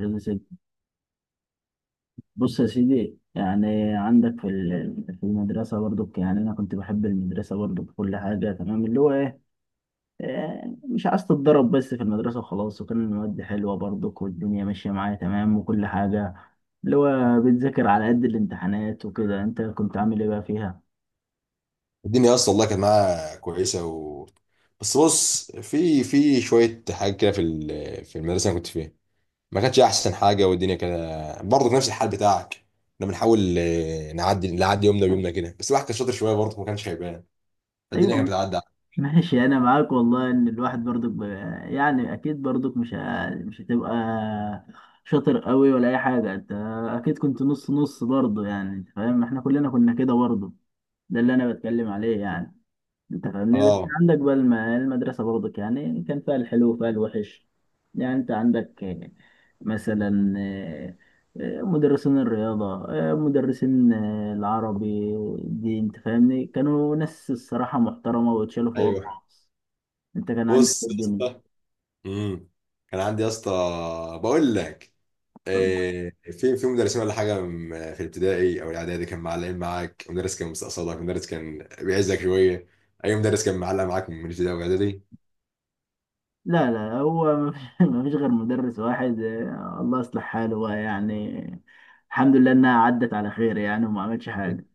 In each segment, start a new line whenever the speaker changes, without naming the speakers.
يا سيدي. بص يا سيدي يعني عندك في المدرسة برضو يعني أنا كنت بحب المدرسة برضو بكل حاجة تمام اللي هو إيه مش عايز تتضرب بس في المدرسة وخلاص وكان المواد حلوة برضو والدنيا ماشية معايا تمام وكل حاجة اللي هو بتذاكر على قد الامتحانات وكده أنت كنت عامل إيه بقى فيها؟
الدنيا اصلا والله كانت معاها كويسه. بس بص في شويه حاجات كده، في المدرسه اللي كنت فيها، ما كانتش احسن حاجه، والدنيا كده برضه نفس الحال بتاعك. كنا بنحاول نعدي يومنا بيومنا كده، بس الواحد كان شاطر شويه برضه ما كانش هيبان، الدنيا كانت
أيوة،
بتعدي.
ماشي انا معاك والله ان الواحد برضك يعني اكيد برضك مش هتبقى شاطر قوي ولا اي حاجه انت اكيد كنت نص نص برضه يعني انت فاهم احنا كلنا كنا كده برضه ده اللي انا بتكلم عليه يعني انت فاهمني بس
اه.
عندك بقى المدرسه برضك يعني كان فيها الحلو وفيها الوحش يعني انت عندك مثلا مدرسين الرياضة مدرسين العربي دي انت فاهمني كانوا ناس الصراحة محترمة ويتشالوا فوق
ايوه.
الراس انت كان عندك إيه
بص يا
الدنيا؟
اسطى. امم كان عندي يا اسطى، بقول لك
طيب،
في مدرسين ولا حاجه. في الابتدائي او الاعدادي كان معلقين معاك، مدرس كان مستقصدك، مدرس كان بيعزك شويه. اي مدرس كان معلق معاك من الابتدائي والاعدادي.
لا لا هو ما فيش غير مدرس واحد، الله يصلح حاله بقى يعني الحمد لله انها عدت على خير يعني وما عملش حاجه.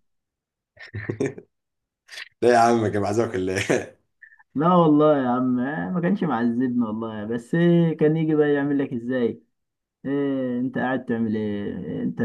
لا يا عم، كان معزك ولا إيه؟
لا والله يا عم، ما كانش معذبنا والله بس كان يجي بقى يعمل لك ازاي، إيه انت قاعد تعمل ايه انت؟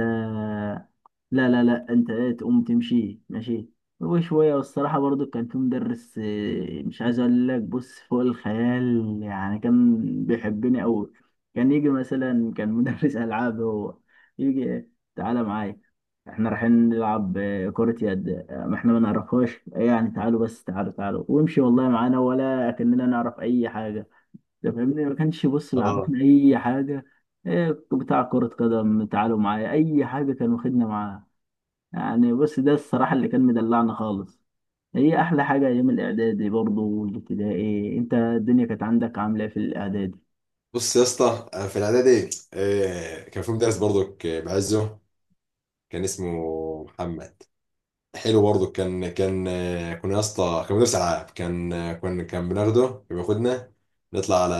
لا انت ايه، تقوم تمشي ماشي وشوية. والصراحة برضو كان في مدرس، مش عايز اقول لك، بص فوق الخيال يعني، كان بيحبني اوي. كان يجي مثلا، كان مدرس العاب، هو يجي تعالى معايا احنا رايحين نلعب كرة يد، ما احنا ما نعرفهاش، يعني تعالوا بس تعالوا ويمشي والله معانا ولا كأننا نعرف اي حاجة. ده فاهمني، ما كانش بص
اه.
بيعرفنا اي حاجة. بتاع كرة قدم، تعالوا معايا اي حاجة كان واخدنا معاه. يعني بص، ده الصراحة اللي كان مدلعنا خالص. هي أحلى حاجة أيام الإعدادي برضه والابتدائي. أنت الدنيا كانت عندك عاملة إيه في الإعدادي
بص يا اسطى، في الاعدادي، كان في مدرس برضك بعزه، كان اسمه محمد، حلو برضه. كان كنا يا اسطى، كان مدرس العاب، كان كنا، كان بناخده، كان بياخدنا نطلع على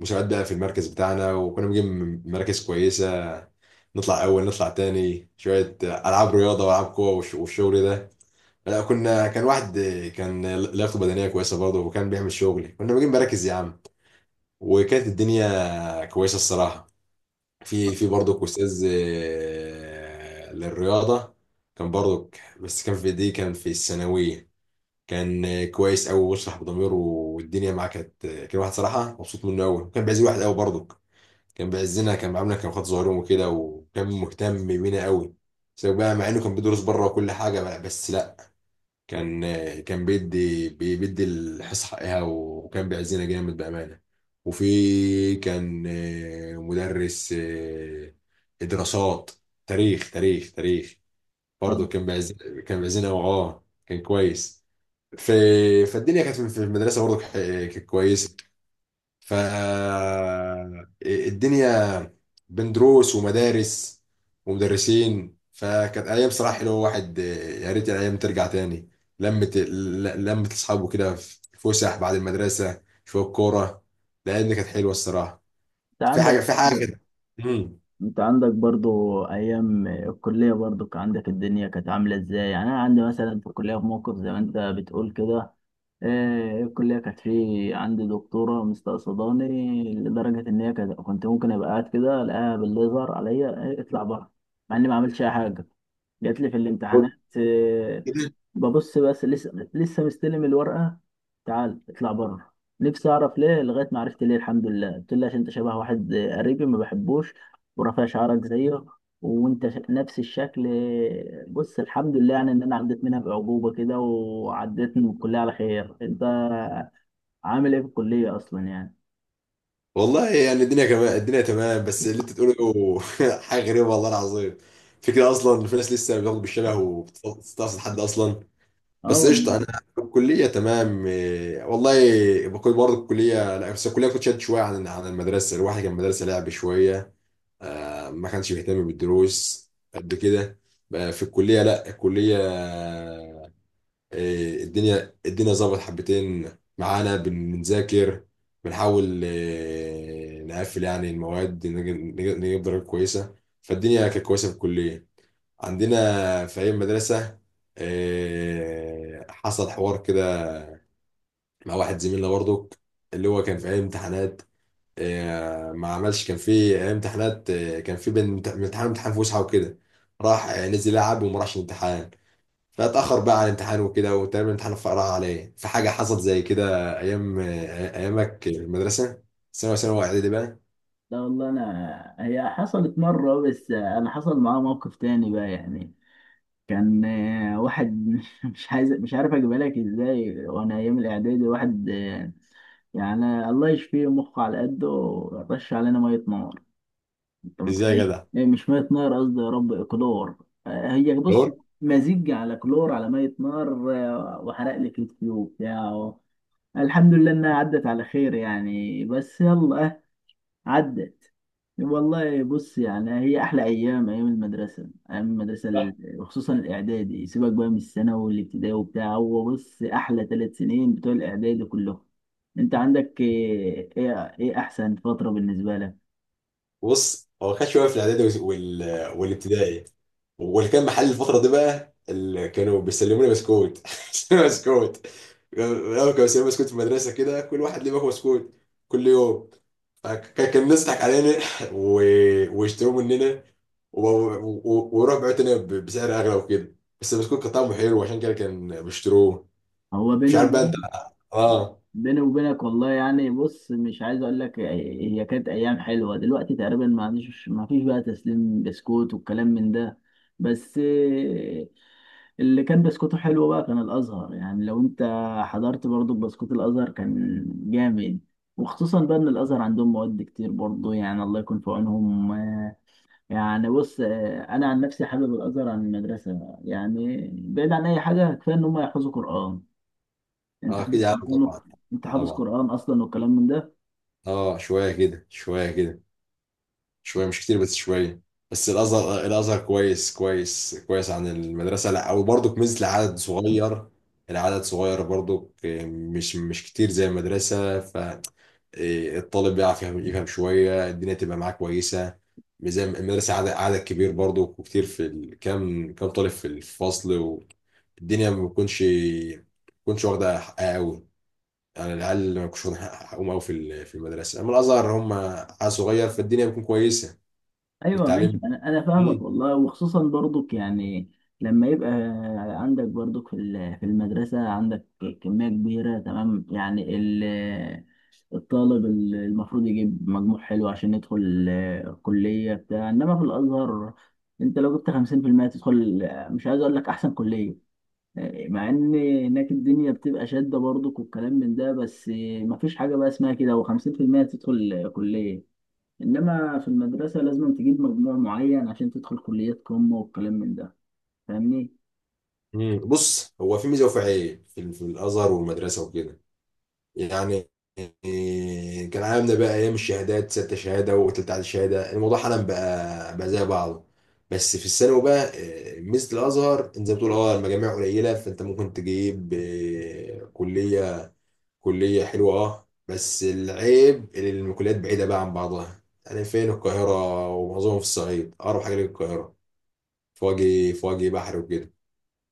مسابقات بقى في المركز بتاعنا، وكنا بنجيب مراكز كويسه، نطلع اول، نطلع تاني شويه العاب رياضه والعاب قوه والشغل ده. لا كنا، كان واحد كان لياقته بدنيه كويسه برضه، وكان بيعمل شغل، كنا بنجيب مراكز يا عم، وكانت الدنيا كويسه الصراحه. في برضك استاذ للرياضه، كان برضك، بس كان في دي كان في الثانويه، كان كويس قوي ويشرح بضميره، والدنيا معاه كانت كان واحد صراحه مبسوط منه قوي، كان بيعز الواحد قوي برضك، كان بيعزنا، كان عاملنا، كان خد ظهرهم وكده، وكان مهتم بينا قوي، سواء بقى مع انه كان بيدرس بره وكل حاجه بقى، بس لا، كان كان بيدي الحصة حقها، وكان بيعزينا جامد بأمانة. وفي، كان مدرس دراسات، تاريخ،
برضه؟
برضه كان بيعز، كان بيعزينا اه، كان كويس. في، فالدنيا كانت في المدرسة برضه كانت كويسة، ف الدنيا بين دروس ومدارس ومدرسين، فكانت ايام صراحه حلوه، واحد يا ريت الايام ترجع تاني، لمة اصحابه كده في فسح بعد المدرسه، شويه كوره، لان كانت حلوه الصراحه،
أنت
في حاجه
عندك،
في حاجه كده. امم
أنت عندك برضه أيام الكلية برضه كان عندك الدنيا كانت عاملة إزاي؟ يعني أنا عندي مثلا في الكلية في موقف زي ما أنت بتقول كده. الكلية كانت في عندي دكتورة مستقصداني لدرجة إن هي كنت ممكن أبقى قاعد كده ألاقيها بالليزر عليا، اطلع بره، مع إني ما عملتش أي حاجة. جات لي في الامتحانات،
قول. كده.
ببص بس لسه مستلم الورقة، تعال اطلع بره. نفسي اعرف ليه، لغاية ما عرفت ليه الحمد لله. قلت له عشان انت شبه واحد قريبي ما بحبوش، ورافع شعرك زيه، وانت ش- نفس الشكل. بص الحمد لله يعني ان انا عديت منها بأعجوبة كده وعديت من الكلية على خير. انت عامل ايه في الكلية اصلا يعني؟
والله يعني الدنيا كمان، الدنيا تمام، بس اللي انت تقوله حاجه غريبه، والله العظيم فكرة اصلا في ناس لسه بتاخد بالشبه وبتستقصد حد اصلا.
اه
بس
والله.
قشطه انا، في الكليه تمام، والله. بكون برضه الكليه، لا بس الكليه كنت شاد شويه عن المدرسه، الواحد كان مدرسه لعب شويه، ما كانش بيهتم بالدروس قد كده. بقى في الكليه، لا الكليه الدنيا ظبط حبتين، معانا بنذاكر، بنحاول نقفل يعني المواد، نجيب درجات كويسه، فالدنيا كانت كويسه في الكليه. عندنا، في أيام مدرسة حصل حوار كده مع واحد زميلنا برضو، اللي هو كان في أيام امتحانات ما عملش، كان في أيام امتحانات كان في بين من امتحان امتحان فسحة وكده، راح نزل يلعب وما راحش الامتحان، فاتأخر بقى على الامتحان وكده، وتقريبا الامتحان فقرا عليه. في حاجة حصلت زي كده أيامك في المدرسة، ثانوي ثانوي إعدادي بقى.
لا والله انا هي حصلت مرة، بس انا حصل معايا موقف تاني بقى يعني. كان واحد مش عارف اجيبها لك ازاي، وانا ايام الاعدادي واحد يعني الله يشفيه مخه على قده، رش علينا ميه نار. انت
إزاي يا
متخيل؟
جدع؟
إيه، مش ميه نار قصدي، يا رب، كلور. هي بص، مزيج على كلور على ميه نار، وحرق لي كتفي وبتاع. الحمد لله انها عدت على خير يعني، بس يلا عدت. والله بص يعني هي احلى ايام، ايام المدرسه وخصوصا الاعدادي، سيبك بقى من الثانوي والابتدائي وبتاع، هو بص احلى ثلاث سنين بتوع الاعدادي كلهم. انت عندك ايه، إيه احسن فتره بالنسبه لك؟
بص هو خد شويه في الاعدادي والابتدائي، واللي كان محل الفتره دي بقى، اللي كانوا بيسلموني بسكوت بسكوت، الاول كانوا بيسلموني بسكوت في المدرسه كده، كل واحد ليه باكو بسكوت كل يوم، فكان الناس تضحك علينا و... ويشتروا مننا، ويروح بيعوا تاني بسعر اغلى وكده، بس البسكوت كان طعمه حلو عشان كده كان بيشتروه،
هو
مش
بيني
عارف بقى انت.
وبين
اه.
بيني وبينك والله يعني بص، مش عايز اقول لك، هي كانت ايام حلوه. دلوقتي تقريبا ما عنديش، ما فيش بقى تسليم بسكوت والكلام من ده، بس اللي كان بسكوته حلو بقى كان الازهر. يعني لو انت حضرت برضو بسكوت الازهر كان جامد. وخصوصا بقى ان الازهر عندهم مواد كتير برضو، يعني الله يكون في عونهم. يعني بص، انا عن نفسي حابب الازهر عن المدرسه، يعني بعيد عن اي حاجه كفايه ان هم يحفظوا قران. انت
اه كده
حافظ
يا عم
قران؟
طبعا.
انت حافظ
طبعا.
قران اصلا والكلام من ده؟
اه، شويه كده شويه كده، شويه مش كتير، بس شويه. بس الازهر، الازهر كويس كويس كويس عن المدرسه، لا وبرضك ميزه العدد صغير، العدد صغير برضك، مش كتير زي المدرسه، ف الطالب بيعرف يفهم شوية، الدنيا تبقى معاه كويسة، مش زي المدرسة، عدد كبير برضو وكتير كام طالب في الفصل، والدنيا ما بتكونش واخدة حقها قوي، يعني العيال ما بيكونش واخدين حقهم قوي في المدرسة، أما الأزهر هم عيال صغير، فالدنيا بتكون كويسة،
ايوه
والتعليم.
ماشي، انا فاهمك
مم.
والله. وخصوصا برضك يعني لما يبقى عندك برضك في المدرسه، عندك كميه كبيره تمام، يعني الطالب المفروض يجيب مجموع حلو عشان يدخل كليه بتاع، انما في الازهر انت لو جبت 50% تدخل، مش عايز اقول لك احسن كليه. مع ان هناك الدنيا بتبقى شاده برضك والكلام من ده، بس مفيش حاجه بقى اسمها كده، و50% تدخل كليه. انما في المدرسه لازم تجيب مجموع معين عشان تدخل كليه قمه والكلام من ده، فاهمني.
مم. بص هو في ميزه وفي عيب في, الازهر والمدرسه وكده، يعني كان عاملنا بقى ايام الشهادات ستة شهاده وتلت عدد شهاده، الموضوع حالا بقى زي بعضه، بس في الثانوي بقى ميزه الازهر انت زي ما بتقول، اه المجاميع قليله، فانت ممكن تجيب كليه، كليه حلوه اه. بس العيب إن الكليات بعيده بقى عن بعضها، يعني فين القاهره ومعظمهم في الصعيد، اقرب حاجه للقاهره فواجه بحر وكده،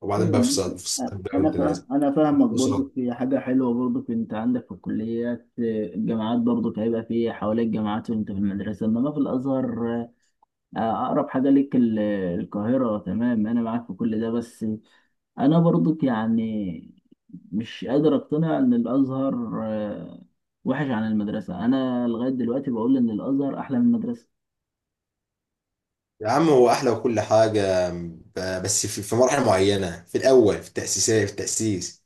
وبعدين
ايوه
بقى في
ماشي.
فصاد
أ-
بقى
انا فا...
متنازل
انا فاهمك برضو.
فصاد.
في حاجه حلوه برضو، انت عندك في الكليات الجامعات برضو هيبقى في حواليك جامعات وانت في المدرسه، انما في الازهر اقرب حاجه ليك القاهره. تمام، انا معاك في كل ده. بس انا برضو يعني مش قادر اقتنع ان الازهر وحش عن المدرسه. انا لغايه دلوقتي بقول ان الازهر احلى من المدرسه.
يا عم هو احلى وكل حاجه، بس في مراحل معينه، في الاول في التاسيسيه في التاسيس،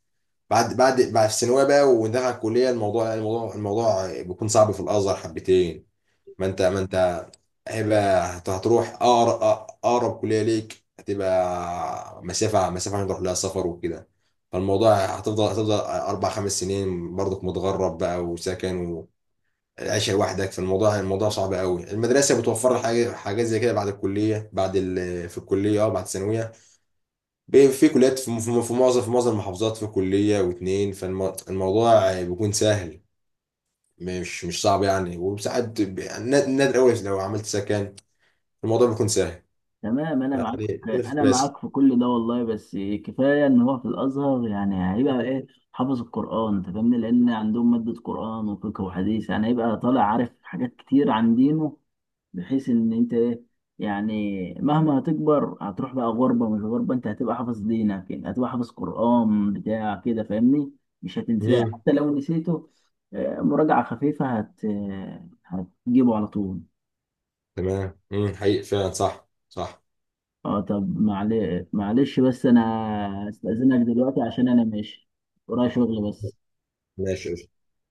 بعد في الثانويه بقى وندخل الكليه، الموضوع بيكون صعب في الازهر حبتين، ما انت هيبقى، هتروح، اقرب كليه ليك، هتبقى مسافه هنروح لها سفر وكده، فالموضوع هتفضل 4 5 سنين برضك متغرب بقى وسكن، العيشة لوحدك، في الموضوع صعب قوي، المدرسة بتوفر لك حاجة، حاجات زي كده بعد الكلية، في الكلية اه، بعد الثانوية، في كليات، في معظم المحافظات، في كلية واتنين، فالموضوع بيكون سهل، مش صعب يعني، وساعات نادر قوي، لو عملت سكن الموضوع بيكون سهل،
تمام، انا معاك
يعني هنا في
انا
الكلاسيك.
معاك في كل ده والله. بس كفايه ان هو في الازهر يعني هيبقى ايه، حافظ القران، انت فاهمني، لان عندهم ماده قران وفقه وحديث، يعني هيبقى طالع عارف حاجات كتير عن دينه، بحيث ان انت ايه يعني مهما هتكبر هتروح بقى غربه مش غربه، انت هتبقى حافظ دينك يعني هتبقى حافظ قران بتاع كده، فاهمني، مش هتنساه.
امم.
حتى لو نسيته مراجعه خفيفه هت آه، هتجيبه على طول.
تمام، حقيقي فعلا، صح صح،
اه طب معلش بس انا استأذنك دلوقتي عشان انا ماشي ورايا شغل، بس.
ماشي.